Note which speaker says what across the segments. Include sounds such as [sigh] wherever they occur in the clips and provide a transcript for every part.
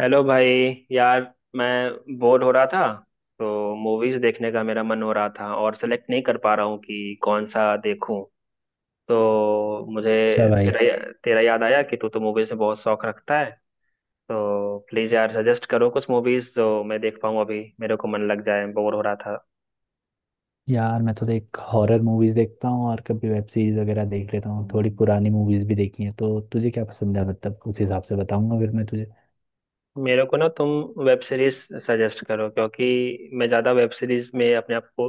Speaker 1: Hello भाई। यार मैं बोर हो रहा था। तो मूवीज देखने का मेरा मन हो रहा था और सेलेक्ट नहीं कर पा रहा हूँ कि कौन सा देखूं। तो मुझे
Speaker 2: अच्छा भाई।
Speaker 1: तेरा तेरा याद आया कि तू तो मूवीज में बहुत शौक रखता है। तो प्लीज यार सजेस्ट करो कुछ मूवीज जो मैं देख पाऊँ, अभी मेरे को मन लग जाए, बोर हो रहा था।
Speaker 2: यार मैं तो देख हॉरर मूवीज देखता हूँ और कभी वेब सीरीज वगैरह देख लेता हूँ। थोड़ी पुरानी मूवीज भी देखी हैं। तो तुझे क्या पसंद है, मतलब उस हिसाब से बताऊंगा फिर मैं तुझे।
Speaker 1: मेरे को ना तुम वेब सीरीज सजेस्ट करो क्योंकि मैं ज्यादा वेब सीरीज में अपने आप को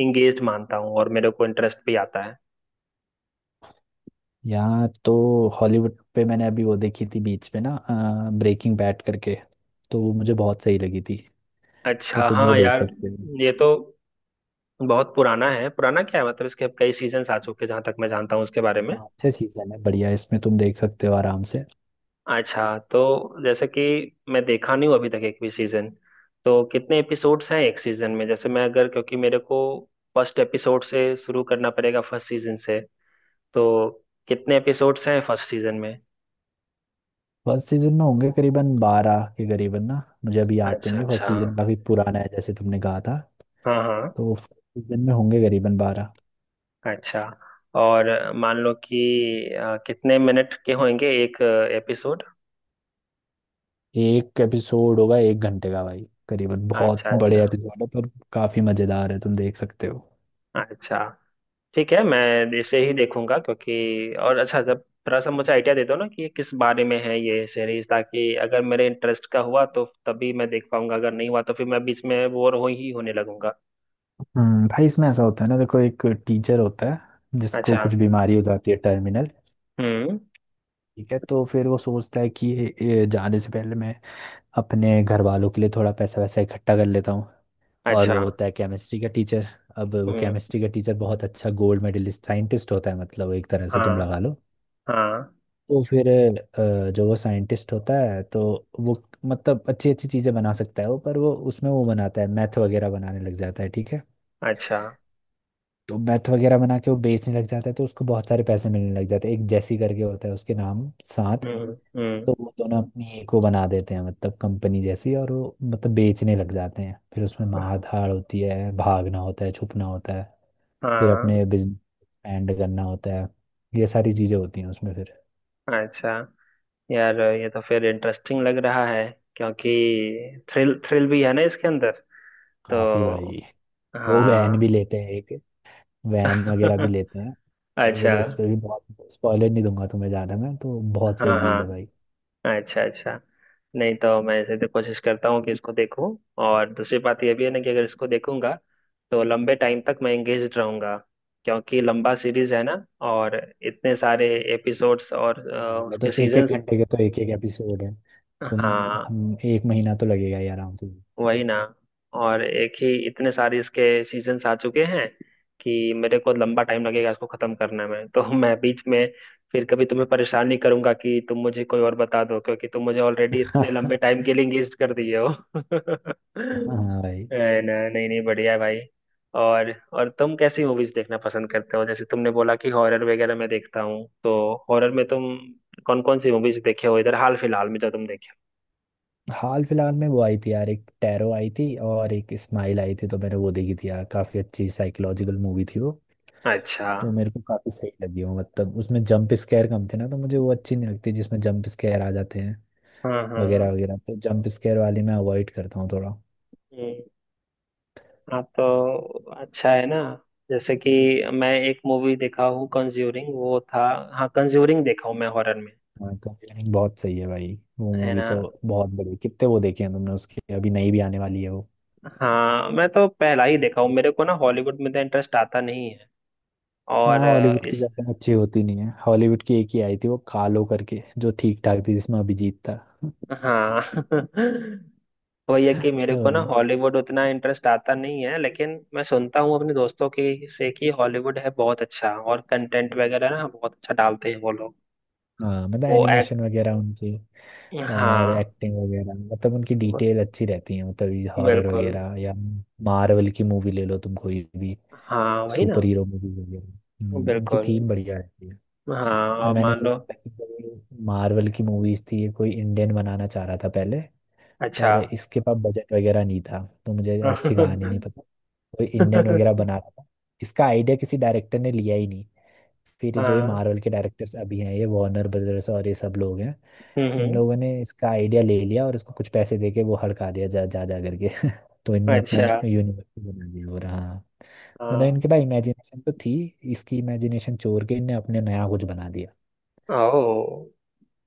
Speaker 1: इंगेज मानता हूँ और मेरे को इंटरेस्ट भी आता है।
Speaker 2: यार तो हॉलीवुड पे मैंने अभी वो देखी थी बीच में ना, ब्रेकिंग बैड करके। तो वो मुझे बहुत सही लगी थी। तो
Speaker 1: अच्छा,
Speaker 2: तुम वो
Speaker 1: हाँ
Speaker 2: देख
Speaker 1: यार,
Speaker 2: सकते हो।
Speaker 1: ये तो बहुत पुराना है, पुराना क्या है, मतलब इसके अब कई सीजन्स आ चुके हैं जहां तक मैं जानता हूँ उसके बारे में।
Speaker 2: हाँ, अच्छे सीजन है, बढ़िया है, इसमें तुम देख सकते हो आराम से।
Speaker 1: अच्छा, तो जैसे कि मैं देखा नहीं हूँ अभी तक एक भी सीजन। तो कितने एपिसोड्स हैं एक सीजन में, जैसे मैं अगर, क्योंकि मेरे को फर्स्ट एपिसोड से शुरू करना पड़ेगा, फर्स्ट सीजन से। तो कितने एपिसोड्स हैं फर्स्ट सीजन में।
Speaker 2: फर्स्ट सीजन में होंगे करीबन 12 के करीबन ना, मुझे अभी याद तो
Speaker 1: अच्छा
Speaker 2: नहीं है। फर्स्ट
Speaker 1: अच्छा।
Speaker 2: सीजन काफी पुराना है, जैसे तुमने कहा था।
Speaker 1: हाँ हाँ।
Speaker 2: तो फर्स्ट सीजन में होंगे करीबन 12।
Speaker 1: अच्छा। और मान लो कि कितने मिनट के होंगे एक एपिसोड।
Speaker 2: एक एपिसोड होगा एक घंटे का भाई करीबन, बहुत
Speaker 1: अच्छा अच्छा।
Speaker 2: बड़े एपिसोड है, पर काफी मजेदार है, तुम देख सकते हो।
Speaker 1: अच्छा। ठीक है, मैं इसे ही देखूंगा क्योंकि, और अच्छा, जब थोड़ा सा मुझे आइडिया दे दो ना कि ये किस बारे में है, ये सीरीज, ताकि अगर मेरे इंटरेस्ट का हुआ तो तभी मैं देख पाऊंगा, अगर नहीं हुआ तो फिर मैं बीच में बोर हो ही होने लगूंगा।
Speaker 2: भाई इसमें ऐसा होता है ना, देखो एक टीचर होता है जिसको
Speaker 1: अच्छा।
Speaker 2: कुछ बीमारी हो जाती है टर्मिनल।
Speaker 1: हम्म।
Speaker 2: ठीक है, तो फिर वो सोचता है कि ये जाने से पहले मैं अपने घर वालों के लिए थोड़ा पैसा वैसा इकट्ठा कर लेता हूँ। और
Speaker 1: अच्छा।
Speaker 2: वो होता है केमिस्ट्री का टीचर। अब वो
Speaker 1: हम्म।
Speaker 2: केमिस्ट्री का टीचर बहुत अच्छा गोल्ड मेडलिस्ट साइंटिस्ट होता है, मतलब एक तरह से तुम
Speaker 1: हाँ
Speaker 2: लगा लो।
Speaker 1: हाँ।
Speaker 2: तो फिर जो वो साइंटिस्ट होता है, तो वो मतलब अच्छी अच्छी चीज़ें बना सकता है वो, पर वो उसमें वो बनाता है मैथ वगैरह, बनाने लग जाता है। ठीक है।
Speaker 1: अच्छा।
Speaker 2: तो मैथ वगैरह बना के वो बेचने लग जाता है, तो उसको बहुत सारे पैसे मिलने लग जाते हैं। एक जैसी करके होता है उसके नाम साथ।
Speaker 1: हम्म। हम्म।
Speaker 2: तो वो दोनों अपनी एक वो बना देते हैं, मतलब कंपनी जैसी, और वो मतलब बेचने लग जाते हैं। फिर उसमें मार धाड़ होती है, भागना होता है, छुपना होता है। फिर अपने
Speaker 1: हाँ।
Speaker 2: बिजनेस एक्सपेंड करना होता है। ये सारी चीज़ें होती हैं उसमें फिर।
Speaker 1: अच्छा। यार ये तो फिर इंटरेस्टिंग लग रहा है क्योंकि थ्रिल थ्रिल भी है ना इसके अंदर।
Speaker 2: काफ़ी भाई।
Speaker 1: तो
Speaker 2: वो वैन
Speaker 1: हाँ।
Speaker 2: भी लेते हैं एक, वैन वगैरह भी
Speaker 1: [laughs]
Speaker 2: लेते हैं। तो
Speaker 1: अच्छा।
Speaker 2: फिर उस पर भी बहुत स्पॉइलर नहीं दूंगा तुम्हें ज़्यादा, मैं तो, बहुत सही
Speaker 1: हाँ
Speaker 2: चीज़ है भाई।
Speaker 1: हाँ। अच्छा अच्छा। नहीं तो मैं ऐसे तो कोशिश करता हूँ कि इसको देखूं, और दूसरी बात यह भी है ना कि अगर इसको देखूंगा तो लंबे टाइम तक मैं एंगेज रहूंगा क्योंकि लंबा सीरीज है ना, और इतने सारे एपिसोड्स और
Speaker 2: हाँ
Speaker 1: उसके
Speaker 2: मतलब एक एक
Speaker 1: सीजन्स।
Speaker 2: घंटे के तो एक एक एपिसोड है, तो
Speaker 1: हाँ
Speaker 2: एक महीना तो लगेगा ही आराम से।
Speaker 1: वही ना। और एक ही इतने सारे इसके सीजन्स आ चुके हैं कि मेरे को लंबा टाइम लगेगा इसको खत्म करने में, तो [laughs] मैं बीच में फिर कभी तुम्हें परेशान नहीं करूंगा कि तुम मुझे कोई और बता दो, क्योंकि तुम मुझे ऑलरेडी इतने लंबे
Speaker 2: [laughs]
Speaker 1: टाइम के लिए एंगेज कर दिए हो। [laughs]
Speaker 2: हाँ भाई।
Speaker 1: है ना। नहीं नहीं, बढ़िया है भाई। और तुम कैसी मूवीज देखना पसंद करते हो, जैसे तुमने बोला कि हॉरर वगैरह मैं देखता हूँ, तो हॉरर में तुम कौन कौन सी मूवीज देखे हो इधर हाल फिलहाल में जो तुम देखे
Speaker 2: हाल फिलहाल में वो आई थी यार, एक टैरो आई थी और एक स्माइल आई थी, तो मैंने वो देखी थी यार, काफ़ी अच्छी साइकोलॉजिकल मूवी थी वो।
Speaker 1: हो। अच्छा।
Speaker 2: तो मेरे को काफ़ी सही लगी वो, मतलब उसमें जंप स्केयर कम थे ना, तो मुझे वो अच्छी नहीं लगती जिसमें जंप स्केयर आ जाते
Speaker 1: हाँ हाँ।
Speaker 2: वगैरह वगैरह। तो जंप स्केयर वाली मैं अवॉइड करता हूँ थोड़ा।
Speaker 1: हम्म। हाँ तो अच्छा है ना, जैसे कि मैं एक मूवी देखा हूँ कंज्यूरिंग, वो था। हाँ कंज्यूरिंग देखा हूँ मैं हॉरर में।
Speaker 2: हाँ कंजरिंग बहुत सही है भाई। वो
Speaker 1: है
Speaker 2: मूवी
Speaker 1: ना।
Speaker 2: तो बहुत बड़ी, कितने वो देखे हैं तुमने उसकी? अभी नई भी आने वाली है वो।
Speaker 1: हाँ मैं तो पहला ही देखा हूँ, मेरे को ना हॉलीवुड में तो इंटरेस्ट आता नहीं है।
Speaker 2: हाँ
Speaker 1: और
Speaker 2: हॉलीवुड की
Speaker 1: इस,
Speaker 2: ज्यादा अच्छी होती नहीं है। हॉलीवुड की एक ही आई थी वो कालो करके जो ठीक ठाक थी जिसमें अभिजीत था। [laughs]
Speaker 1: हाँ। [laughs] वही है कि मेरे
Speaker 2: हाँ
Speaker 1: को ना हॉलीवुड उतना इंटरेस्ट आता नहीं है, लेकिन मैं सुनता हूँ अपने दोस्तों के से कि हॉलीवुड है बहुत अच्छा और कंटेंट वगैरह ना बहुत अच्छा डालते हैं वो लोग।
Speaker 2: हाँ, मतलब
Speaker 1: वो एक्ट,
Speaker 2: एनिमेशन वगैरह उनकी और
Speaker 1: हाँ।
Speaker 2: एक्टिंग वगैरह, मतलब उनकी
Speaker 1: ब-
Speaker 2: डिटेल अच्छी रहती है, मतलब हॉरर
Speaker 1: बिल्कुल।
Speaker 2: वगैरह या मार्वल की मूवी ले लो तुम कोई भी,
Speaker 1: हाँ वही ना।
Speaker 2: सुपर हीरो मूवी वगैरह। उनकी
Speaker 1: बिल्कुल।
Speaker 2: थीम बढ़िया रहती है।
Speaker 1: हाँ
Speaker 2: पर
Speaker 1: अब
Speaker 2: मैंने
Speaker 1: मान लो।
Speaker 2: सोचा था कि कोई मार्वल की मूवीज थी, ये कोई इंडियन बनाना चाह रहा था पहले,
Speaker 1: अच्छा।
Speaker 2: पर
Speaker 1: [laughs]
Speaker 2: इसके पास बजट वगैरह नहीं था। तो मुझे
Speaker 1: हाँ।
Speaker 2: अच्छी कहानी नहीं पता, कोई इंडियन वगैरह बना रहा था। इसका आइडिया किसी डायरेक्टर ने लिया ही नहीं। फिर जो ये मार्वल के डायरेक्टर्स अभी हैं, ये वार्नर ब्रदर्स और ये सब लोग हैं,
Speaker 1: हम्म।
Speaker 2: इन
Speaker 1: हम्म।
Speaker 2: लोगों ने इसका आइडिया ले लिया और इसको कुछ पैसे दे के वो हड़का दिया, जा जा जा करके। [laughs] तो इनने अपना
Speaker 1: अच्छा।
Speaker 2: यूनिवर्स बना दिया, और हाँ, मतलब
Speaker 1: हाँ।
Speaker 2: इनके पास इमेजिनेशन तो थी। इसकी इमेजिनेशन चोर के इनने अपने नया कुछ बना दिया।
Speaker 1: ओ।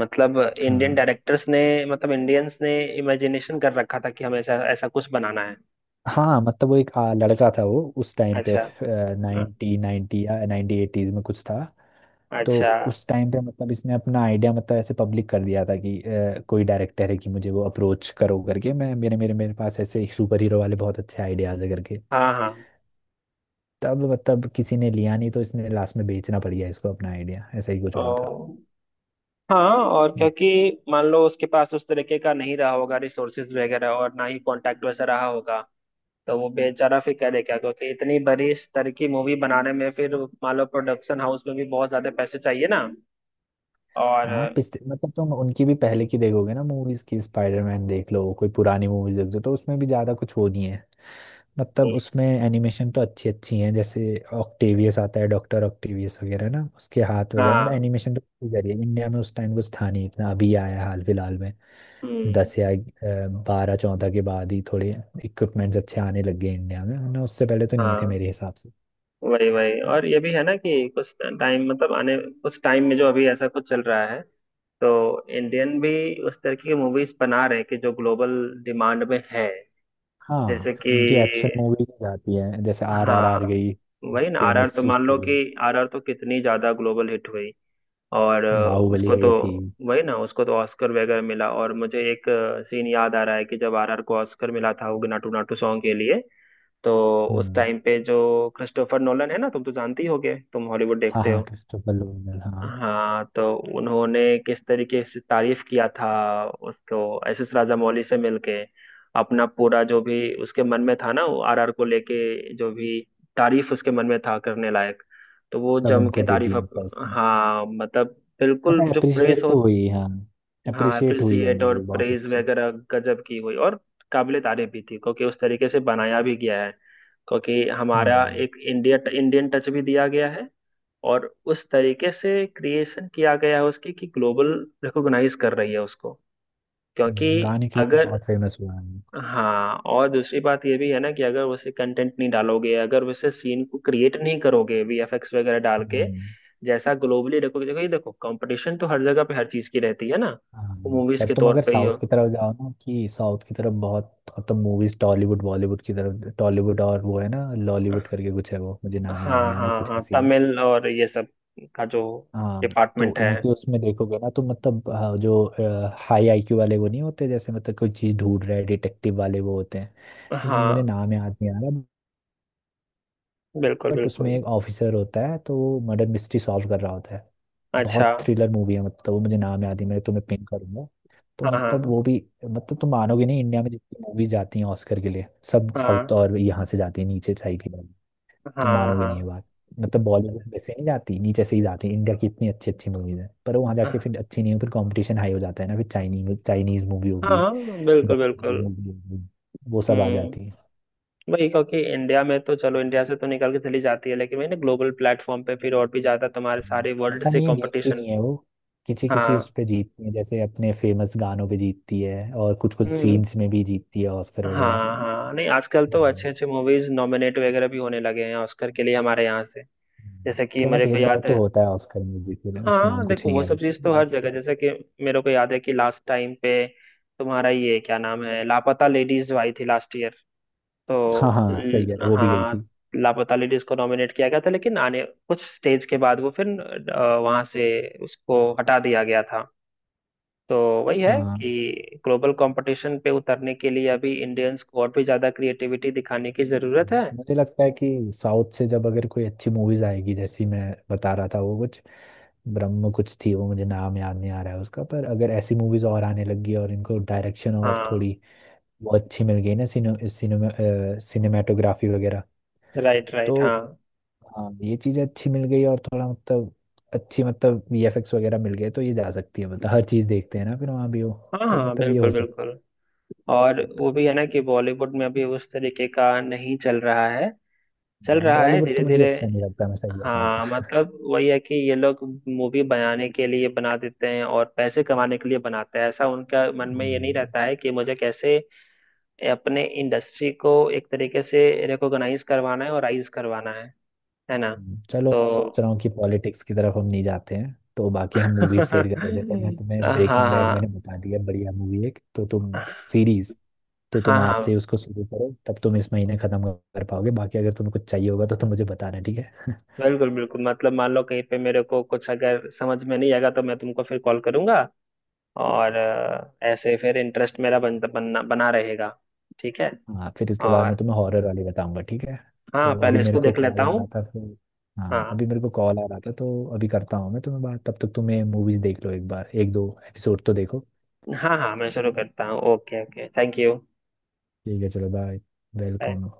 Speaker 1: मतलब
Speaker 2: हाँ।
Speaker 1: इंडियन डायरेक्टर्स ने, मतलब इंडियंस ने इमेजिनेशन कर रखा था कि हमें ऐसा ऐसा कुछ बनाना है।
Speaker 2: हाँ मतलब वो एक लड़का था, वो उस टाइम पे
Speaker 1: अच्छा। हाँ।
Speaker 2: नाइनटी नाइनटी या नाइनटी एटीज में कुछ था। तो
Speaker 1: अच्छा।
Speaker 2: उस टाइम पे, मतलब इसने अपना आइडिया मतलब ऐसे पब्लिक कर दिया था कि कोई डायरेक्टर है कि मुझे वो अप्रोच करो करके, मैं मेरे मेरे मेरे पास ऐसे सुपर हीरो वाले बहुत अच्छे आइडियाज है करके।
Speaker 1: हाँ हाँ।
Speaker 2: तब मतलब किसी ने लिया नहीं, तो इसने लास्ट में बेचना पड़ गया इसको अपना आइडिया, ऐसा ही कुछ हुआ था।
Speaker 1: ओ। हाँ। और
Speaker 2: हम्म।
Speaker 1: क्योंकि मान लो उसके पास उस तरीके का नहीं रहा होगा रिसोर्सेज वगैरह, और ना ही कांटेक्ट वैसा रहा होगा, तो वो बेचारा फिर करेगा क्योंकि इतनी बड़ी स्तर की मूवी बनाने में फिर, मान लो प्रोडक्शन हाउस में भी बहुत ज्यादा पैसे चाहिए ना। और
Speaker 2: हाँ पिछले, मतलब तुम उनकी भी पहले की देखोगे ना मूवीज की, स्पाइडरमैन देख लो, कोई पुरानी मूवीज देख लो, तो उसमें भी ज्यादा कुछ वो नहीं है। मतलब उसमें एनिमेशन तो अच्छी अच्छी हैं, जैसे ऑक्टेवियस आता है डॉक्टर ऑक्टेवियस वगैरह ना, उसके हाथ वगैरह, मतलब
Speaker 1: हाँ।
Speaker 2: एनिमेशन तो जरिए इंडिया में उस टाइम कुछ था नहीं इतना, अभी आया है हाल फिलहाल में।
Speaker 1: हम्म।
Speaker 2: 10 या 12 14 के बाद ही थोड़े इक्विपमेंट्स अच्छे आने लग गए इंडिया में, वरना उससे पहले तो नहीं थे
Speaker 1: हाँ।
Speaker 2: मेरे हिसाब से।
Speaker 1: वही वही और ये भी है ना कि कुछ टाइम मतलब आने कुछ टाइम में जो अभी ऐसा कुछ चल रहा है, तो इंडियन भी उस तरह की मूवीज बना रहे हैं कि जो ग्लोबल डिमांड में है।
Speaker 2: हाँ
Speaker 1: जैसे कि,
Speaker 2: उनकी एक्शन मूवीज जाती है, जैसे RRR
Speaker 1: हाँ
Speaker 2: गई,
Speaker 1: वही ना। आरआर
Speaker 2: फेमस
Speaker 1: तो मान
Speaker 2: उसके
Speaker 1: लो कि
Speaker 2: लिए।
Speaker 1: आरआर तो कितनी ज्यादा ग्लोबल हिट हुई, और
Speaker 2: बाहुबली
Speaker 1: उसको तो
Speaker 2: गई थी।
Speaker 1: वही ना, उसको तो ऑस्कर वगैरह मिला। और मुझे एक सीन याद आ रहा है कि जब आरआर को ऑस्कर मिला था उग नाटू नाटू सॉन्ग के लिए, तो उस
Speaker 2: हम्म।
Speaker 1: टाइम पे जो क्रिस्टोफर नोलन है ना, तुम तो जानती होगे, तुम हॉलीवुड
Speaker 2: हाँ
Speaker 1: देखते
Speaker 2: हाँ,
Speaker 1: हो।
Speaker 2: क्रिस्टोफर नोलन, हाँ।
Speaker 1: हाँ, तो उन्होंने किस तरीके से तारीफ किया था उसको, एस एस राजामौली से मिलके अपना पूरा जो भी उसके मन में था ना, वो आरआर को लेके जो भी तारीफ उसके मन में था करने लायक, तो वो
Speaker 2: तब
Speaker 1: जम के
Speaker 2: उनको दे दी
Speaker 1: तारीफ
Speaker 2: पर्सन।
Speaker 1: हाँ मतलब
Speaker 2: पता
Speaker 1: बिल्कुल
Speaker 2: है
Speaker 1: जो प्रेज
Speaker 2: अप्रिशिएट
Speaker 1: हो।
Speaker 2: तो हुई हाँ।
Speaker 1: हाँ
Speaker 2: अप्रिशिएट हुई है
Speaker 1: अप्रिसिएट और
Speaker 2: मूवी, बहुत
Speaker 1: प्रेज
Speaker 2: अच्छी।
Speaker 1: वगैरह गजब की हुई, और काबिले तारीफ भी थी क्योंकि उस तरीके से बनाया भी गया है, क्योंकि हमारा
Speaker 2: हम्म,
Speaker 1: एक इंडिया इंडियन टच भी दिया गया है, और उस तरीके से क्रिएशन किया गया है उसकी कि ग्लोबल रिकॉग्नाइज कर रही है उसको, क्योंकि
Speaker 2: गाने के लिए तो
Speaker 1: अगर,
Speaker 2: बहुत फेमस हुआ है।
Speaker 1: हाँ। और दूसरी बात ये भी है ना कि अगर वैसे कंटेंट नहीं डालोगे, अगर वैसे सीन को क्रिएट नहीं करोगे वीएफएक्स वगैरह डाल के
Speaker 2: हम्म,
Speaker 1: जैसा ग्लोबली, देखो देखो ये देखो कंपटीशन तो हर जगह पे हर चीज की रहती है ना,
Speaker 2: हाँ।
Speaker 1: वो मूवीज
Speaker 2: पर
Speaker 1: के
Speaker 2: तुम अगर
Speaker 1: तौर पे ही
Speaker 2: साउथ
Speaker 1: हो।
Speaker 2: की तरफ जाओ ना, कि साउथ की तरफ बहुत अब तो मूवीज टॉलीवुड बॉलीवुड की तरफ टॉलीवुड, और वो है ना लॉलीवुड करके कुछ है, वो मुझे नाम याद नहीं
Speaker 1: हाँ
Speaker 2: आ रहा,
Speaker 1: हाँ
Speaker 2: कुछ
Speaker 1: हाँ,
Speaker 2: ऐसी।
Speaker 1: तमिल और ये सब का जो
Speaker 2: हाँ तो
Speaker 1: डिपार्टमेंट है।
Speaker 2: इनके उसमें देखोगे ना, तो मतलब जो हाई IQ वाले वो नहीं होते, जैसे मतलब कोई चीज ढूंढ रहे डिटेक्टिव वाले वो होते हैं। इसमें मुझे
Speaker 1: हाँ
Speaker 2: नाम याद नहीं आ रहा।
Speaker 1: बिल्कुल
Speaker 2: बट उसमें
Speaker 1: बिल्कुल।
Speaker 2: एक ऑफिसर होता है, तो वो मर्डर मिस्ट्री सॉल्व कर रहा होता है।
Speaker 1: अच्छा।
Speaker 2: बहुत थ्रिलर मूवी है, मतलब वो मुझे नाम याद नहीं, मैं तुम्हें पिन करूंगा। तो
Speaker 1: हाँ
Speaker 2: मतलब
Speaker 1: हाँ
Speaker 2: वो भी, मतलब तुम मानोगे नहीं, इंडिया में जितनी मूवीज जाती हैं ऑस्कर के लिए सब
Speaker 1: हाँ
Speaker 2: साउथ और यहाँ से जाती है, नीचे साइड की। तुम
Speaker 1: हाँ
Speaker 2: मानोगे नहीं ये
Speaker 1: हाँ
Speaker 2: बात, मतलब बॉलीवुड में से नहीं जाती, नीचे से ही जाती, इंडिया की इतनी अच्छी अच्छी मूवीज है, पर वहाँ जाके फिर अच्छी नहीं हो, फिर कंपटीशन हाई हो जाता है ना, फिर चाइनीज चाइनीज मूवी होगी,
Speaker 1: हाँ बिल्कुल
Speaker 2: जापानीज
Speaker 1: बिल्कुल।
Speaker 2: मूवी होगी, वो सब आ जाती है।
Speaker 1: हम्म। वही, क्योंकि इंडिया में तो चलो इंडिया से तो निकल के चली जाती है, लेकिन मैंने ग्लोबल प्लेटफॉर्म पे फिर और भी ज्यादा तुम्हारे सारे
Speaker 2: हम्म।
Speaker 1: वर्ल्ड
Speaker 2: ऐसा
Speaker 1: से
Speaker 2: नहीं है, जीतती
Speaker 1: कंपटीशन।
Speaker 2: नहीं है वो, किसी किसी उस
Speaker 1: हाँ।
Speaker 2: पे जीतती है, जैसे अपने फेमस गानों पे जीतती है और कुछ कुछ
Speaker 1: हम्म।
Speaker 2: सीन्स में भी जीतती है ऑस्कर वगैरह।
Speaker 1: हाँ हाँ, नहीं आजकल तो
Speaker 2: हम्म,
Speaker 1: अच्छे अच्छे मूवीज नॉमिनेट वगैरह भी होने लगे हैं ऑस्कर के लिए हमारे यहाँ से,
Speaker 2: हम्म।
Speaker 1: जैसे कि
Speaker 2: थोड़ा
Speaker 1: मेरे को
Speaker 2: भेदभाव
Speaker 1: याद है।
Speaker 2: तो होता है ऑस्कर में भी, फिर उसमें हम
Speaker 1: हाँ
Speaker 2: कुछ
Speaker 1: देखो,
Speaker 2: नहीं
Speaker 1: वो
Speaker 2: कह
Speaker 1: सब
Speaker 2: सकते,
Speaker 1: चीज तो हर
Speaker 2: बाकी तो।
Speaker 1: जगह, जैसे कि मेरे को याद है कि लास्ट टाइम पे तुम्हारा ये क्या नाम है, लापता लेडीज आई थी लास्ट ईयर,
Speaker 2: हाँ
Speaker 1: तो
Speaker 2: हाँ सही कह रहे हो, वो भी गई थी।
Speaker 1: हाँ लापता लेडीज को नॉमिनेट किया गया था, लेकिन आने कुछ स्टेज के बाद वो फिर वहां से उसको हटा दिया गया था। तो वही है
Speaker 2: हाँ
Speaker 1: कि ग्लोबल कंपटीशन पे उतरने के लिए अभी इंडियंस को और भी ज्यादा क्रिएटिविटी दिखाने की जरूरत है।
Speaker 2: मुझे लगता है कि साउथ से जब अगर कोई अच्छी मूवीज आएगी, जैसी मैं बता रहा था वो कुछ ब्रह्म कुछ थी, वो मुझे नाम याद नहीं आ रहा है उसका, पर अगर ऐसी मूवीज और आने लगी और इनको डायरेक्शन और
Speaker 1: हाँ।
Speaker 2: थोड़ी वो अच्छी मिल गई ना, सिनो, सिनेमा सिनेमेटोग्राफी वगैरह।
Speaker 1: Right right. हाँ
Speaker 2: तो हाँ ये चीज़ें अच्छी मिल गई और थोड़ा मतलब अच्छी मतलब VFX वगैरह मिल गए तो ये जा सकती है, मतलब हर चीज़ देखते हैं ना, फिर वहाँ भी हो।
Speaker 1: हाँ
Speaker 2: तो
Speaker 1: हाँ
Speaker 2: मतलब ये
Speaker 1: बिल्कुल
Speaker 2: हो सकता
Speaker 1: बिल्कुल। और वो भी है ना कि बॉलीवुड में अभी उस तरीके का नहीं चल रहा है, चल
Speaker 2: है।
Speaker 1: रहा है
Speaker 2: बॉलीवुड
Speaker 1: धीरे
Speaker 2: तो मुझे
Speaker 1: धीरे।
Speaker 2: अच्छा नहीं लगता, मैं सही बताऊँ तो।
Speaker 1: हाँ मतलब वही है कि ये लोग मूवी बनाने के लिए बना देते हैं और पैसे कमाने के लिए बनाते हैं, ऐसा उनका मन में ये नहीं
Speaker 2: हम्म।
Speaker 1: रहता है कि मुझे कैसे अपने इंडस्ट्री को एक तरीके से रिकॉग्नाइज करवाना है और राइज करवाना है ना।
Speaker 2: चलो मैं सोच
Speaker 1: तो
Speaker 2: रहा हूँ कि पॉलिटिक्स की तरफ हम नहीं जाते हैं, तो बाकी हम
Speaker 1: [laughs]
Speaker 2: मूवी शेयर कर रहे थे, तो मैं तुम्हें
Speaker 1: हाँ
Speaker 2: ब्रेकिंग बैड मैंने
Speaker 1: हाँ
Speaker 2: बता दिया, बढ़िया मूवी एक, तो तुम सीरीज, तो तुम
Speaker 1: हाँ
Speaker 2: आज से
Speaker 1: हाँ
Speaker 2: उसको शुरू करो, तब तुम इस महीने खत्म कर पाओगे, बाकी अगर तुम्हें कुछ चाहिए होगा तो तुम मुझे बताना, ठीक है। [laughs]
Speaker 1: बिल्कुल बिल्कुल, मतलब मान लो कहीं पे मेरे को कुछ अगर समझ में नहीं आएगा तो मैं तुमको फिर कॉल करूंगा, और ऐसे फिर इंटरेस्ट मेरा बनना बना रहेगा। ठीक है।
Speaker 2: हाँ फिर इसके बाद मैं
Speaker 1: और
Speaker 2: तुम्हें हॉरर वाली बताऊंगा, ठीक है।
Speaker 1: हाँ,
Speaker 2: तो अभी
Speaker 1: पहले
Speaker 2: मेरे
Speaker 1: इसको
Speaker 2: को
Speaker 1: देख लेता
Speaker 2: कॉल आ
Speaker 1: हूँ।
Speaker 2: रहा था फिर। हाँ
Speaker 1: हाँ
Speaker 2: अभी मेरे को कॉल आ रहा था, तो अभी करता हूँ मैं तुम्हें बात, तब तक तुम्हें मूवीज देख लो एक बार, एक दो एपिसोड तो देखो।
Speaker 1: हाँ, हाँ मैं शुरू करता हूँ। Okay okay, thank you.
Speaker 2: ठीक है, चलो बाय। वेलकम।